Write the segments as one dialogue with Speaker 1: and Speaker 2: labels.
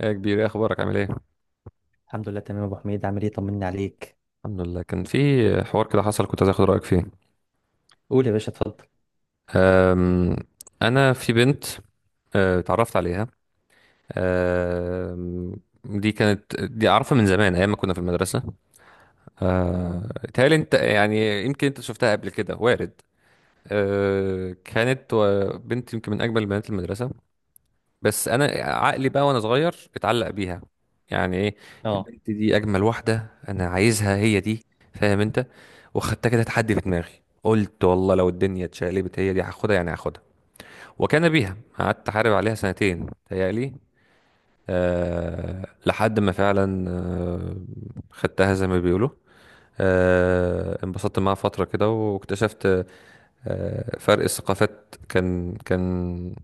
Speaker 1: ايه يا كبير، ايه اخبارك؟ عامل ايه؟
Speaker 2: الحمد لله تمام يا ابو حميد، عامل ايه؟ طمني عليك.
Speaker 1: الحمد لله. كان في حوار كده حصل، كنت عايز اخد رايك فيه.
Speaker 2: قول يا باشا، اتفضل.
Speaker 1: أم، انا في بنت. اتعرفت عليها. أم، دي اعرفها من زمان، ايام ما كنا في المدرسه. أه، تهيألي انت، يعني يمكن انت شفتها قبل كده، وارد. كانت بنت يمكن من اجمل بنات المدرسه. بس انا عقلي بقى وانا صغير اتعلق بيها. يعني ايه؟
Speaker 2: اه،
Speaker 1: البنت دي اجمل واحده، انا عايزها، هي دي، فاهم انت؟ وخدتها كده تحدي في دماغي، قلت والله لو الدنيا اتشقلبت هي دي هاخدها، يعني هاخدها. وكان بيها، قعدت احارب عليها سنتين تهيألي. أه، لحد ما فعلا، أه، خدتها زي ما بيقولوا. أه، انبسطت معاها فترة كده، واكتشفت، أه، فرق الثقافات كان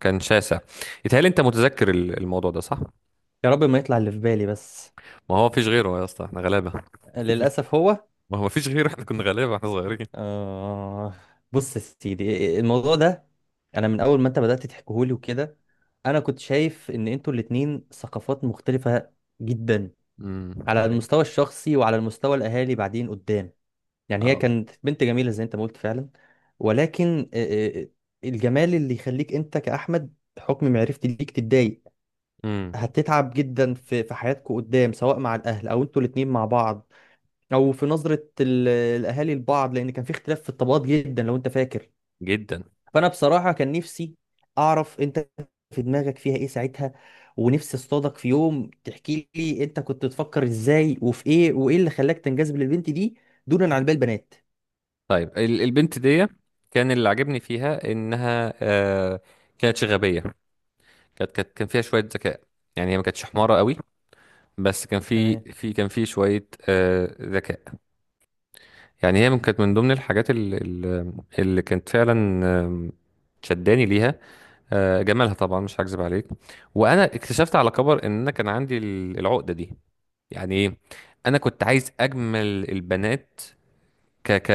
Speaker 1: كان شاسع. يتهيألي انت متذكر الموضوع ده صح؟
Speaker 2: يا رب ما يطلع اللي في بالي بس.
Speaker 1: ما هو مفيش غيره يا اسطى، احنا غلابه.
Speaker 2: للاسف هو.
Speaker 1: ما هو مفيش غيره، احنا كنا غلابه، احنا صغيرين.
Speaker 2: آه بص يا سيدي، إيه، إيه، الموضوع ده، انا من اول ما انت بدات تحكيهولي وكده انا كنت شايف ان انتوا الاتنين ثقافات مختلفه جدا،
Speaker 1: امم، ده
Speaker 2: على
Speaker 1: حقيقي.
Speaker 2: المستوى الشخصي وعلى المستوى الاهالي بعدين قدام. يعني هي
Speaker 1: اه.
Speaker 2: كانت بنت جميله زي انت ما قلت فعلا، ولكن آه، آه، الجمال اللي يخليك انت كاحمد حكم معرفتي ليك تتضايق.
Speaker 1: امم.
Speaker 2: هتتعب جدا في حياتكم قدام، سواء مع الاهل او انتوا الاتنين مع بعض، او في نظرة الاهالي لبعض، لان كان في اختلاف في الطبقات جدا لو انت فاكر.
Speaker 1: جدا.
Speaker 2: فانا بصراحة كان نفسي اعرف انت في دماغك فيها ايه ساعتها، ونفسي اصطادك في يوم تحكي لي انت كنت بتفكر ازاي وفي ايه، وايه اللي خلاك تنجذب للبنت دي دونا عن باقي البنات.
Speaker 1: طيب، البنت دي كان اللي عجبني فيها انها، آه، كانت غبيه. كانت كان فيها شويه ذكاء، يعني هي ما كانتش حماره قوي، بس كان في
Speaker 2: تمام.
Speaker 1: في كان في شويه آه ذكاء. يعني هي كانت من ضمن الحاجات اللي، اللي كانت فعلا، آم، شداني ليها. جمالها طبعا مش هكذب عليك. وانا اكتشفت على كبر ان انا كان عندي العقده دي. يعني ايه؟ انا كنت عايز اجمل البنات. ك ك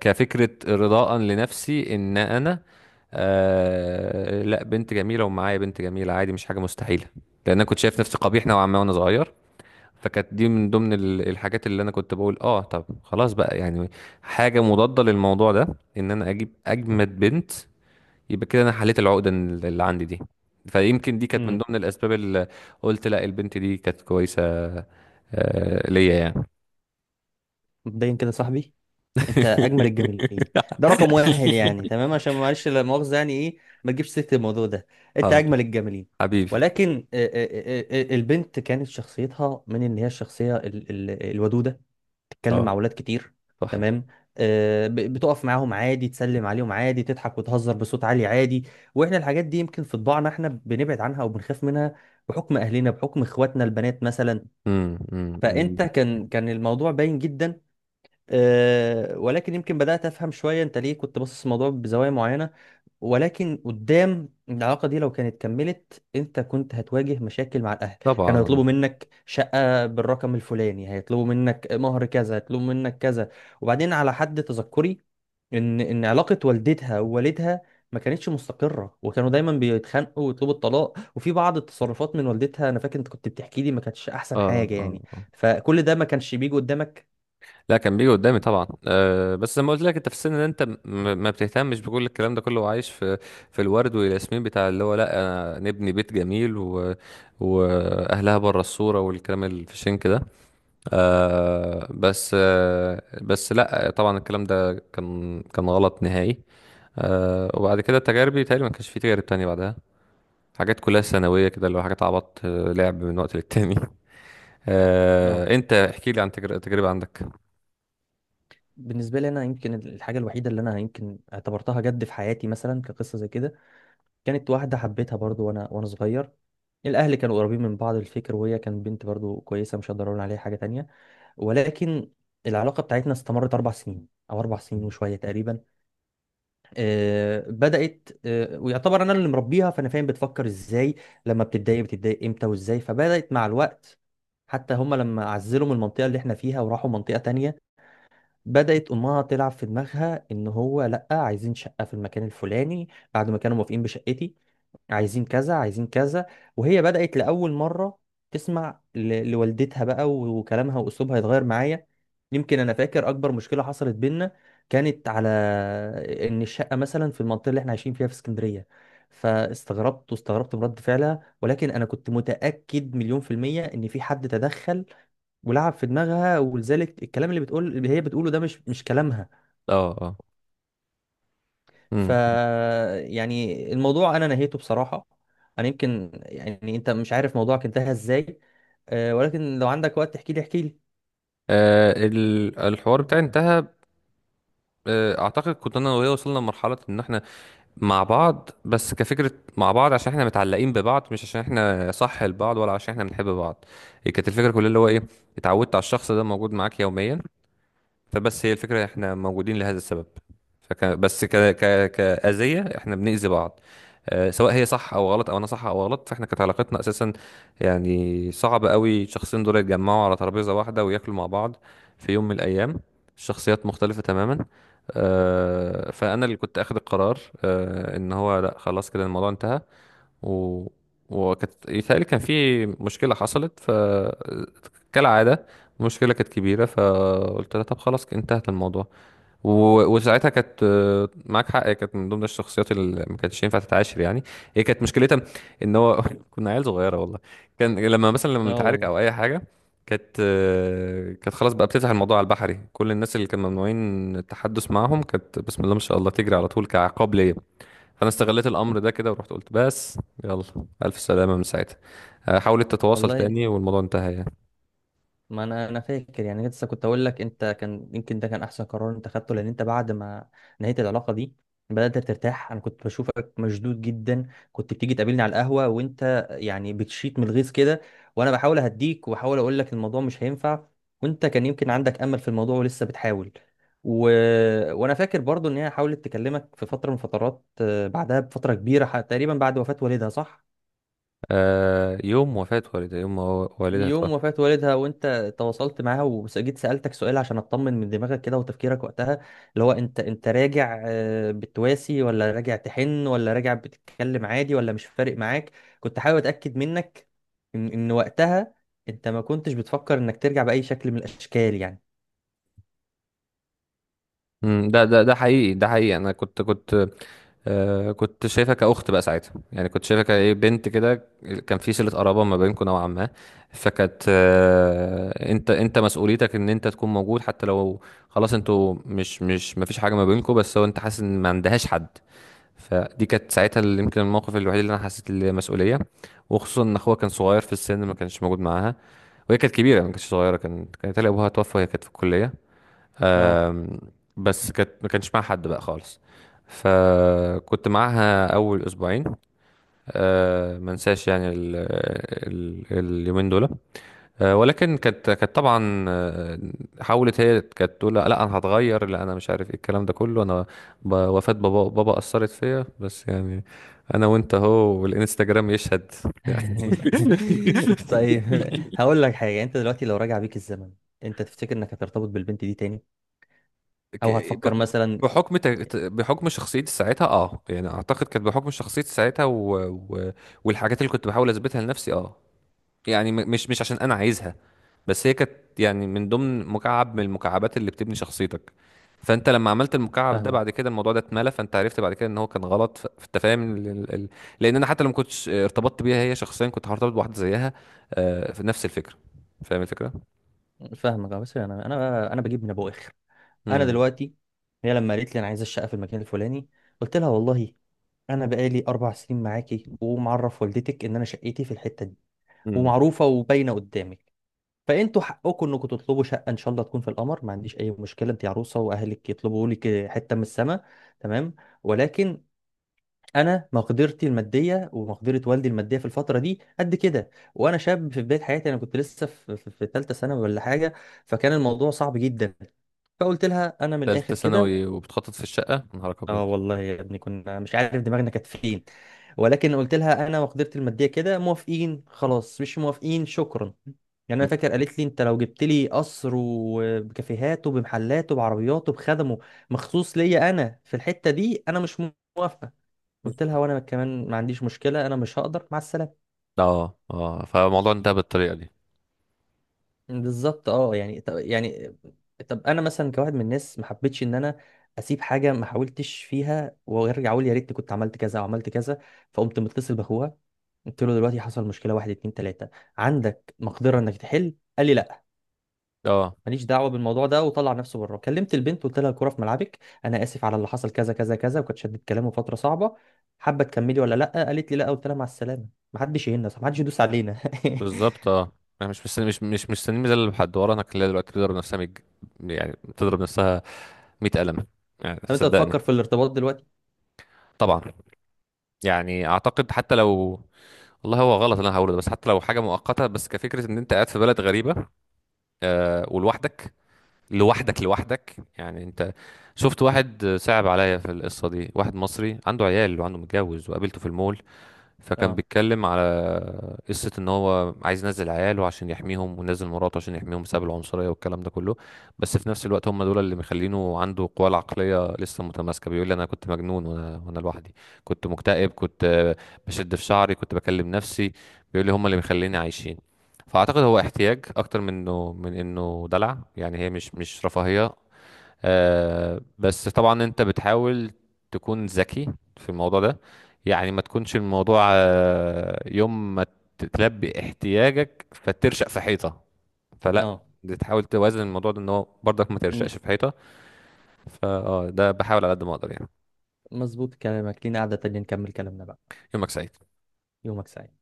Speaker 1: كفكره رضاء لنفسي، ان انا، آه، لا بنت جميله ومعايا بنت جميله عادي، مش حاجه مستحيله. لان انا كنت شايف نفسي قبيح نوعا ما وانا صغير. فكانت دي من ضمن الحاجات اللي انا كنت بقول اه طب خلاص بقى، يعني حاجه مضاده للموضوع ده، ان انا اجيب اجمد بنت، يبقى كده انا حليت العقده اللي عندي دي. فيمكن دي كانت من
Speaker 2: امم.
Speaker 1: ضمن الاسباب اللي، قلت لا البنت دي كانت كويسه، ليا يعني.
Speaker 2: مبدئيا كده يا صاحبي، انت اجمل الجميلين، ده رقم واحد يعني، تمام؟ عشان معلش، لا مؤاخذه، يعني ايه، ما تجيبش سيره الموضوع ده، انت
Speaker 1: حاضر.
Speaker 2: اجمل الجميلين.
Speaker 1: حبيبي.
Speaker 2: ولكن البنت كانت شخصيتها من ان هي الشخصيه الودوده، تتكلم
Speaker 1: اه،
Speaker 2: مع ولاد كتير.
Speaker 1: صح.
Speaker 2: تمام. بتقف معاهم عادي، تسلم عليهم عادي، تضحك وتهزر بصوت عالي عادي. واحنا الحاجات دي يمكن في طباعنا، احنا بنبعد عنها او بنخاف منها، بحكم اهلنا، بحكم اخواتنا البنات مثلا.
Speaker 1: أمم، أمم، أمم.
Speaker 2: فانت كان الموضوع باين جدا. أه، ولكن يمكن بدأت أفهم شوية أنت ليه كنت باصص الموضوع بزوايا معينة. ولكن قدام العلاقة دي لو كانت كملت أنت كنت هتواجه مشاكل مع الأهل.
Speaker 1: طبعا
Speaker 2: كانوا
Speaker 1: اه.
Speaker 2: هيطلبوا منك شقة بالرقم الفلاني، هيطلبوا منك مهر كذا، هيطلبوا منك كذا. وبعدين على حد تذكري، إن علاقة والدتها ووالدها ما كانتش مستقرة، وكانوا دايما بيتخانقوا ويطلبوا الطلاق، وفي بعض التصرفات من والدتها أنا فاكر أنت كنت بتحكي لي ما كانتش
Speaker 1: اه.
Speaker 2: أحسن حاجة
Speaker 1: آه،
Speaker 2: يعني.
Speaker 1: آه.
Speaker 2: فكل ده ما كانش بيجي قدامك.
Speaker 1: لا، كان بيجي قدامي طبعا، آه، بس زي ما قلت لك، انت في السن ده انت ما بتهتمش بكل الكلام ده كله، وعايش في، في الورد والياسمين بتاع اللي هو لا، أنا نبني بيت جميل و... واهلها بره الصوره، والكلام الفشنك ده. آه بس آه بس، لا، طبعا الكلام ده كان غلط نهائي. آه، وبعد كده تجاربي تقريبا ما كانش في تجارب تانية بعدها. حاجات كلها ثانوية كده، اللي هو حاجات عبط، آه، لعب من وقت للتاني.
Speaker 2: اه.
Speaker 1: آه، انت احكي لي عن تجربة عندك.
Speaker 2: بالنسبه لي انا، يمكن الحاجه الوحيده اللي انا يمكن اعتبرتها جد في حياتي مثلا كقصه زي كده، كانت واحده حبيتها برضو وانا صغير. الاهل كانوا قريبين من بعض الفكر، وهي كانت بنت برضو كويسه، مش هقدر اقول عليها حاجه تانية. ولكن العلاقه بتاعتنا استمرت 4 سنين او 4 سنين وشويه تقريبا. بدات، ويعتبر انا اللي مربيها، فانا فاهم بتفكر ازاي، لما بتتضايق بتتضايق امتى وازاي. فبدات مع الوقت حتى هم لما عزلوا من المنطقه اللي احنا فيها وراحوا منطقه تانية، بدأت أمها تلعب في دماغها إن هو لأ، عايزين شقة في المكان الفلاني بعد ما كانوا موافقين بشقتي. عايزين كذا، عايزين كذا. وهي بدأت لأول مرة تسمع لوالدتها بقى، وكلامها وأسلوبها يتغير معايا. يمكن أنا فاكر أكبر مشكلة حصلت بينا كانت على إن الشقة مثلا في المنطقة اللي إحنا عايشين فيها في اسكندرية. فاستغربت، واستغربت من رد فعلها، ولكن أنا كنت متأكد مليون في المية إن في حد تدخل ولعب في دماغها، ولذلك الكلام اللي بتقول اللي هي بتقوله ده مش كلامها.
Speaker 1: اه. اه.
Speaker 2: ف،
Speaker 1: امم.
Speaker 2: يعني الموضوع انا نهيته بصراحة. انا يمكن يعني، انت مش عارف موضوعك انتهى ازاي، أه، ولكن لو عندك وقت تحكي لي احكي لي.
Speaker 1: آه، الحوار بتاعي انتهى. آه، اعتقد كنت انا وهي وصلنا لمرحلة ان احنا مع بعض بس كفكرة، مع بعض عشان احنا متعلقين ببعض، مش عشان احنا صح لبعض، ولا عشان احنا بنحب بعض. هي كانت الفكرة كلها اللي هو ايه، اتعودت على الشخص ده موجود معاك يوميا، فبس هي الفكرة احنا موجودين لهذا السبب. فك... بس ك... ك... كأذية احنا بنأذي بعض. آه، سواء هي صح او غلط، او انا صح او غلط، فاحنا كانت علاقتنا اساسا، يعني صعب قوي الشخصين دول يتجمعوا على ترابيزة واحدة وياكلوا مع بعض في يوم من الايام. الشخصيات مختلفة تماما. آه، فانا اللي كنت اخد القرار، آه، ان هو لا خلاص كده الموضوع انتهى. و... وكانت يتهيألي كان في مشكلة حصلت، ف كالعادة المشكلة كانت كبيرة، فقلت لها طب خلاص انتهت الموضوع. و... وساعتها كانت، آه، معاك حق، هي كانت من ضمن الشخصيات اللي ما كانتش ينفع تتعاشر يعني. هي كانت مشكلتها ان هو كنا عيال صغيرة والله. كان لما مثلا لما
Speaker 2: اه
Speaker 1: نتعارك
Speaker 2: والله.
Speaker 1: او اي حاجة، كانت، آه، كانت خلاص بقى بتفتح الموضوع على البحري، كل الناس اللي كانوا ممنوعين التحدث معاهم كانت بسم الله ما شاء الله تجري على طول كعقاب ليا. فانا استغليت الامر ده كده ورحت قلت بس يلا، الف سلامه. من ساعتها، آه، حاولت تتواصل
Speaker 2: والله،
Speaker 1: تاني والموضوع انتهى يعني.
Speaker 2: ما انا، انا فاكر يعني لسه كنت اقول لك انت كان يمكن ده كان احسن قرار انت خدته، لان انت بعد ما نهيت العلاقه دي بدات ترتاح. انا كنت بشوفك مشدود جدا، كنت بتيجي تقابلني على القهوه وانت يعني بتشيط من الغيظ كده، وانا بحاول اهديك وبحاول اقول لك الموضوع مش هينفع، وانت كان يمكن عندك امل في الموضوع ولسه بتحاول. و... وانا فاكر برضو ان هي حاولت تكلمك في فتره من فترات، بعدها بفتره كبيره، تقريبا بعد وفاه والدها، صح؟
Speaker 1: آه، يوم وفاه والدها، يوم ما والدها توفى.
Speaker 2: يوم وفاة والدها وانت تواصلت معاها، وجيت سألتك سؤال عشان اطمن من دماغك كده وتفكيرك وقتها. اللي هو انت راجع، بتواسي، ولا راجع تحن، ولا راجع بتتكلم عادي، ولا مش فارق معاك. كنت حابب اتأكد منك ان وقتها انت ما كنتش بتفكر انك ترجع بأي شكل من الاشكال يعني.
Speaker 1: ده حقيقي، ده حقيقي، انا كنت، آه، كنت شايفها كاخت بقى ساعتها، يعني كنت شايفها كايه، بنت كده، كان في صله قرابه ما بينكم نوعا ما. فكانت، آه، انت مسؤوليتك ان انت تكون موجود، حتى لو خلاص انتوا مش ما فيش حاجه ما بينكم، بس هو انت حاسس ان ما عندهاش حد. فدي كانت ساعتها اللي يمكن الموقف الوحيد اللي انا حسيت المسؤوليه، وخصوصا ان اخوها كان صغير في السن، ما كانش موجود معاها. وهي كانت كبيره، ما كانتش صغيره، كان كانت هي ابوها توفى وهي كانت في الكليه.
Speaker 2: اه.
Speaker 1: أم، بس كانت، ما كانش معاها حد بقى خالص. فكنت معاها اول اسبوعين، أه، ما انساش يعني ال... ال... اليومين دول. آه، ولكن كانت طبعا، آه، حاولت، هي كانت تقول لا لا انا هتغير، لا انا مش عارف ايه الكلام ده كله، انا وفاة بابا، بابا اثرت فيا، بس يعني انا وانت اهو والانستجرام يشهد يعني.
Speaker 2: طيب، هقول لك حاجة. انت دلوقتي لو راجع بيك الزمن، انت تفتكر انك هترتبط بالبنت دي تاني؟ او
Speaker 1: ك-
Speaker 2: هتفكر
Speaker 1: ب-
Speaker 2: مثلا؟
Speaker 1: بحكم بحكم شخصيتي ساعتها، اه، يعني اعتقد كانت بحكم شخصيتي ساعتها و... و... والحاجات اللي كنت بحاول اثبتها لنفسي، اه يعني، مش عشان انا عايزها، بس هي كانت يعني من ضمن مكعب من المكعبات اللي بتبني شخصيتك. فانت لما عملت المكعب ده بعد
Speaker 2: فاهمك.
Speaker 1: كده الموضوع ده اتملى، فانت عرفت بعد كده ان هو كان غلط، فانت فاهم لان انا حتى لو ما كنتش ارتبطت بيها هي شخصيا كنت هرتبط بواحده زيها، آه، في نفس الفكره. فاهم الفكره.
Speaker 2: فاهمك، اه. بس انا بجيب من ابو اخر. انا
Speaker 1: امم.
Speaker 2: دلوقتي، هي لما قالت لي انا عايزه الشقه في المكان الفلاني، قلت لها والله انا بقالي 4 سنين معاكي، ومعرف والدتك ان انا شقتي في الحته دي،
Speaker 1: امم.
Speaker 2: ومعروفه وباينه قدامك. فانتوا حقكم انكم تطلبوا شقه ان شاء الله تكون في القمر، ما عنديش اي مشكله، انت عروسه واهلك يطلبوا لك حته من السماء، تمام. ولكن انا مقدرتي الماديه ومقدره والدي الماديه في الفتره دي قد كده، وانا شاب في بدايه حياتي، انا كنت لسه في ثالثه ثانوي ولا حاجه، فكان الموضوع صعب جدا. فقلت لها انا من الاخر
Speaker 1: ثالثه
Speaker 2: كده،
Speaker 1: ثانوي وبتخطط في الشقه، يا نهارك ابيض!
Speaker 2: اه والله يا ابني كنا مش عارف دماغنا كانت فين، ولكن قلت لها انا وقدرتي الماديه كده، موافقين خلاص، مش موافقين شكرا. يعني انا
Speaker 1: مم.
Speaker 2: فاكر قالت لي انت لو جبت لي قصر وبكافيهاته بمحلاته بعربياته بخدمه مخصوص ليا انا في الحته دي، انا مش موافقه. قلت لها وانا كمان ما عنديش مشكله، انا مش هقدر، مع السلامه.
Speaker 1: اه. اه، فالموضوع انتهى بالطريقه دي.
Speaker 2: بالظبط، اه يعني. طب يعني، طب انا مثلا كواحد من الناس ما حبيتش ان انا اسيب حاجه ما حاولتش فيها وارجع اقول يا ريت كنت عملت كذا او عملت كذا. فقمت متصل باخوها، قلت له دلوقتي حصل مشكله، واحد اتنين تلاته، عندك مقدره انك تحل؟ قال لي لا،
Speaker 1: اه،
Speaker 2: ماليش دعوه بالموضوع ده، وطلع نفسه بره. كلمت البنت قلت لها الكوره في ملعبك، انا اسف على اللي حصل كذا كذا كذا، وكانت شدت كلامه فتره صعبه، حابه تكملي ولا لا؟ قالت لي لا. قلت لها مع السلامه. محدش يهنا، محدش يدوس علينا.
Speaker 1: بالظبط اه. انا مش مستني، مش مستني ميزة لحد ورا. انا كلها دلوقتي بتضرب نفسها يعني بتضرب نفسها 100 قلم يعني،
Speaker 2: لو انت بتفكر
Speaker 1: صدقني.
Speaker 2: في الارتباط دلوقتي؟
Speaker 1: طبعا. يعني اعتقد حتى لو، والله هو غلط اللي انا هقوله ده، بس حتى لو حاجه مؤقته بس كفكره، ان انت قاعد في بلد غريبه، آه، ولوحدك. لوحدك يعني انت، شفت واحد صعب عليا في القصه دي، واحد مصري عنده عيال وعنده متجوز، وقابلته في المول، فكان
Speaker 2: اه.
Speaker 1: بيتكلم على قصة ان هو عايز ينزل عياله عشان يحميهم، ونزل مراته عشان يحميهم، بسبب العنصرية والكلام ده كله. بس في نفس الوقت هم دول اللي مخلينه عنده القوة العقلية لسه متماسكة. بيقول لي انا كنت مجنون، وانا لوحدي، كنت مكتئب، كنت، آه، بشد في شعري، كنت بكلم نفسي. بيقول لي هم اللي مخليني عايشين. فاعتقد هو احتياج اكتر من انه، من انه دلع، يعني هي مش رفاهية. آه، بس طبعا انت بتحاول تكون ذكي في الموضوع ده، يعني ما تكونش الموضوع، آه، يوم ما تتلبي احتياجك فترشق في حيطة، فلا
Speaker 2: اه،
Speaker 1: بتحاول توازن الموضوع ده، ان هو برضك ما ترشقش في حيطة، فاه ده بحاول على قد ما اقدر يعني.
Speaker 2: مظبوط كلامك، لينا قعدة تانية نكمل كلامنا بقى.
Speaker 1: يومك سعيد.
Speaker 2: يومك سعيد.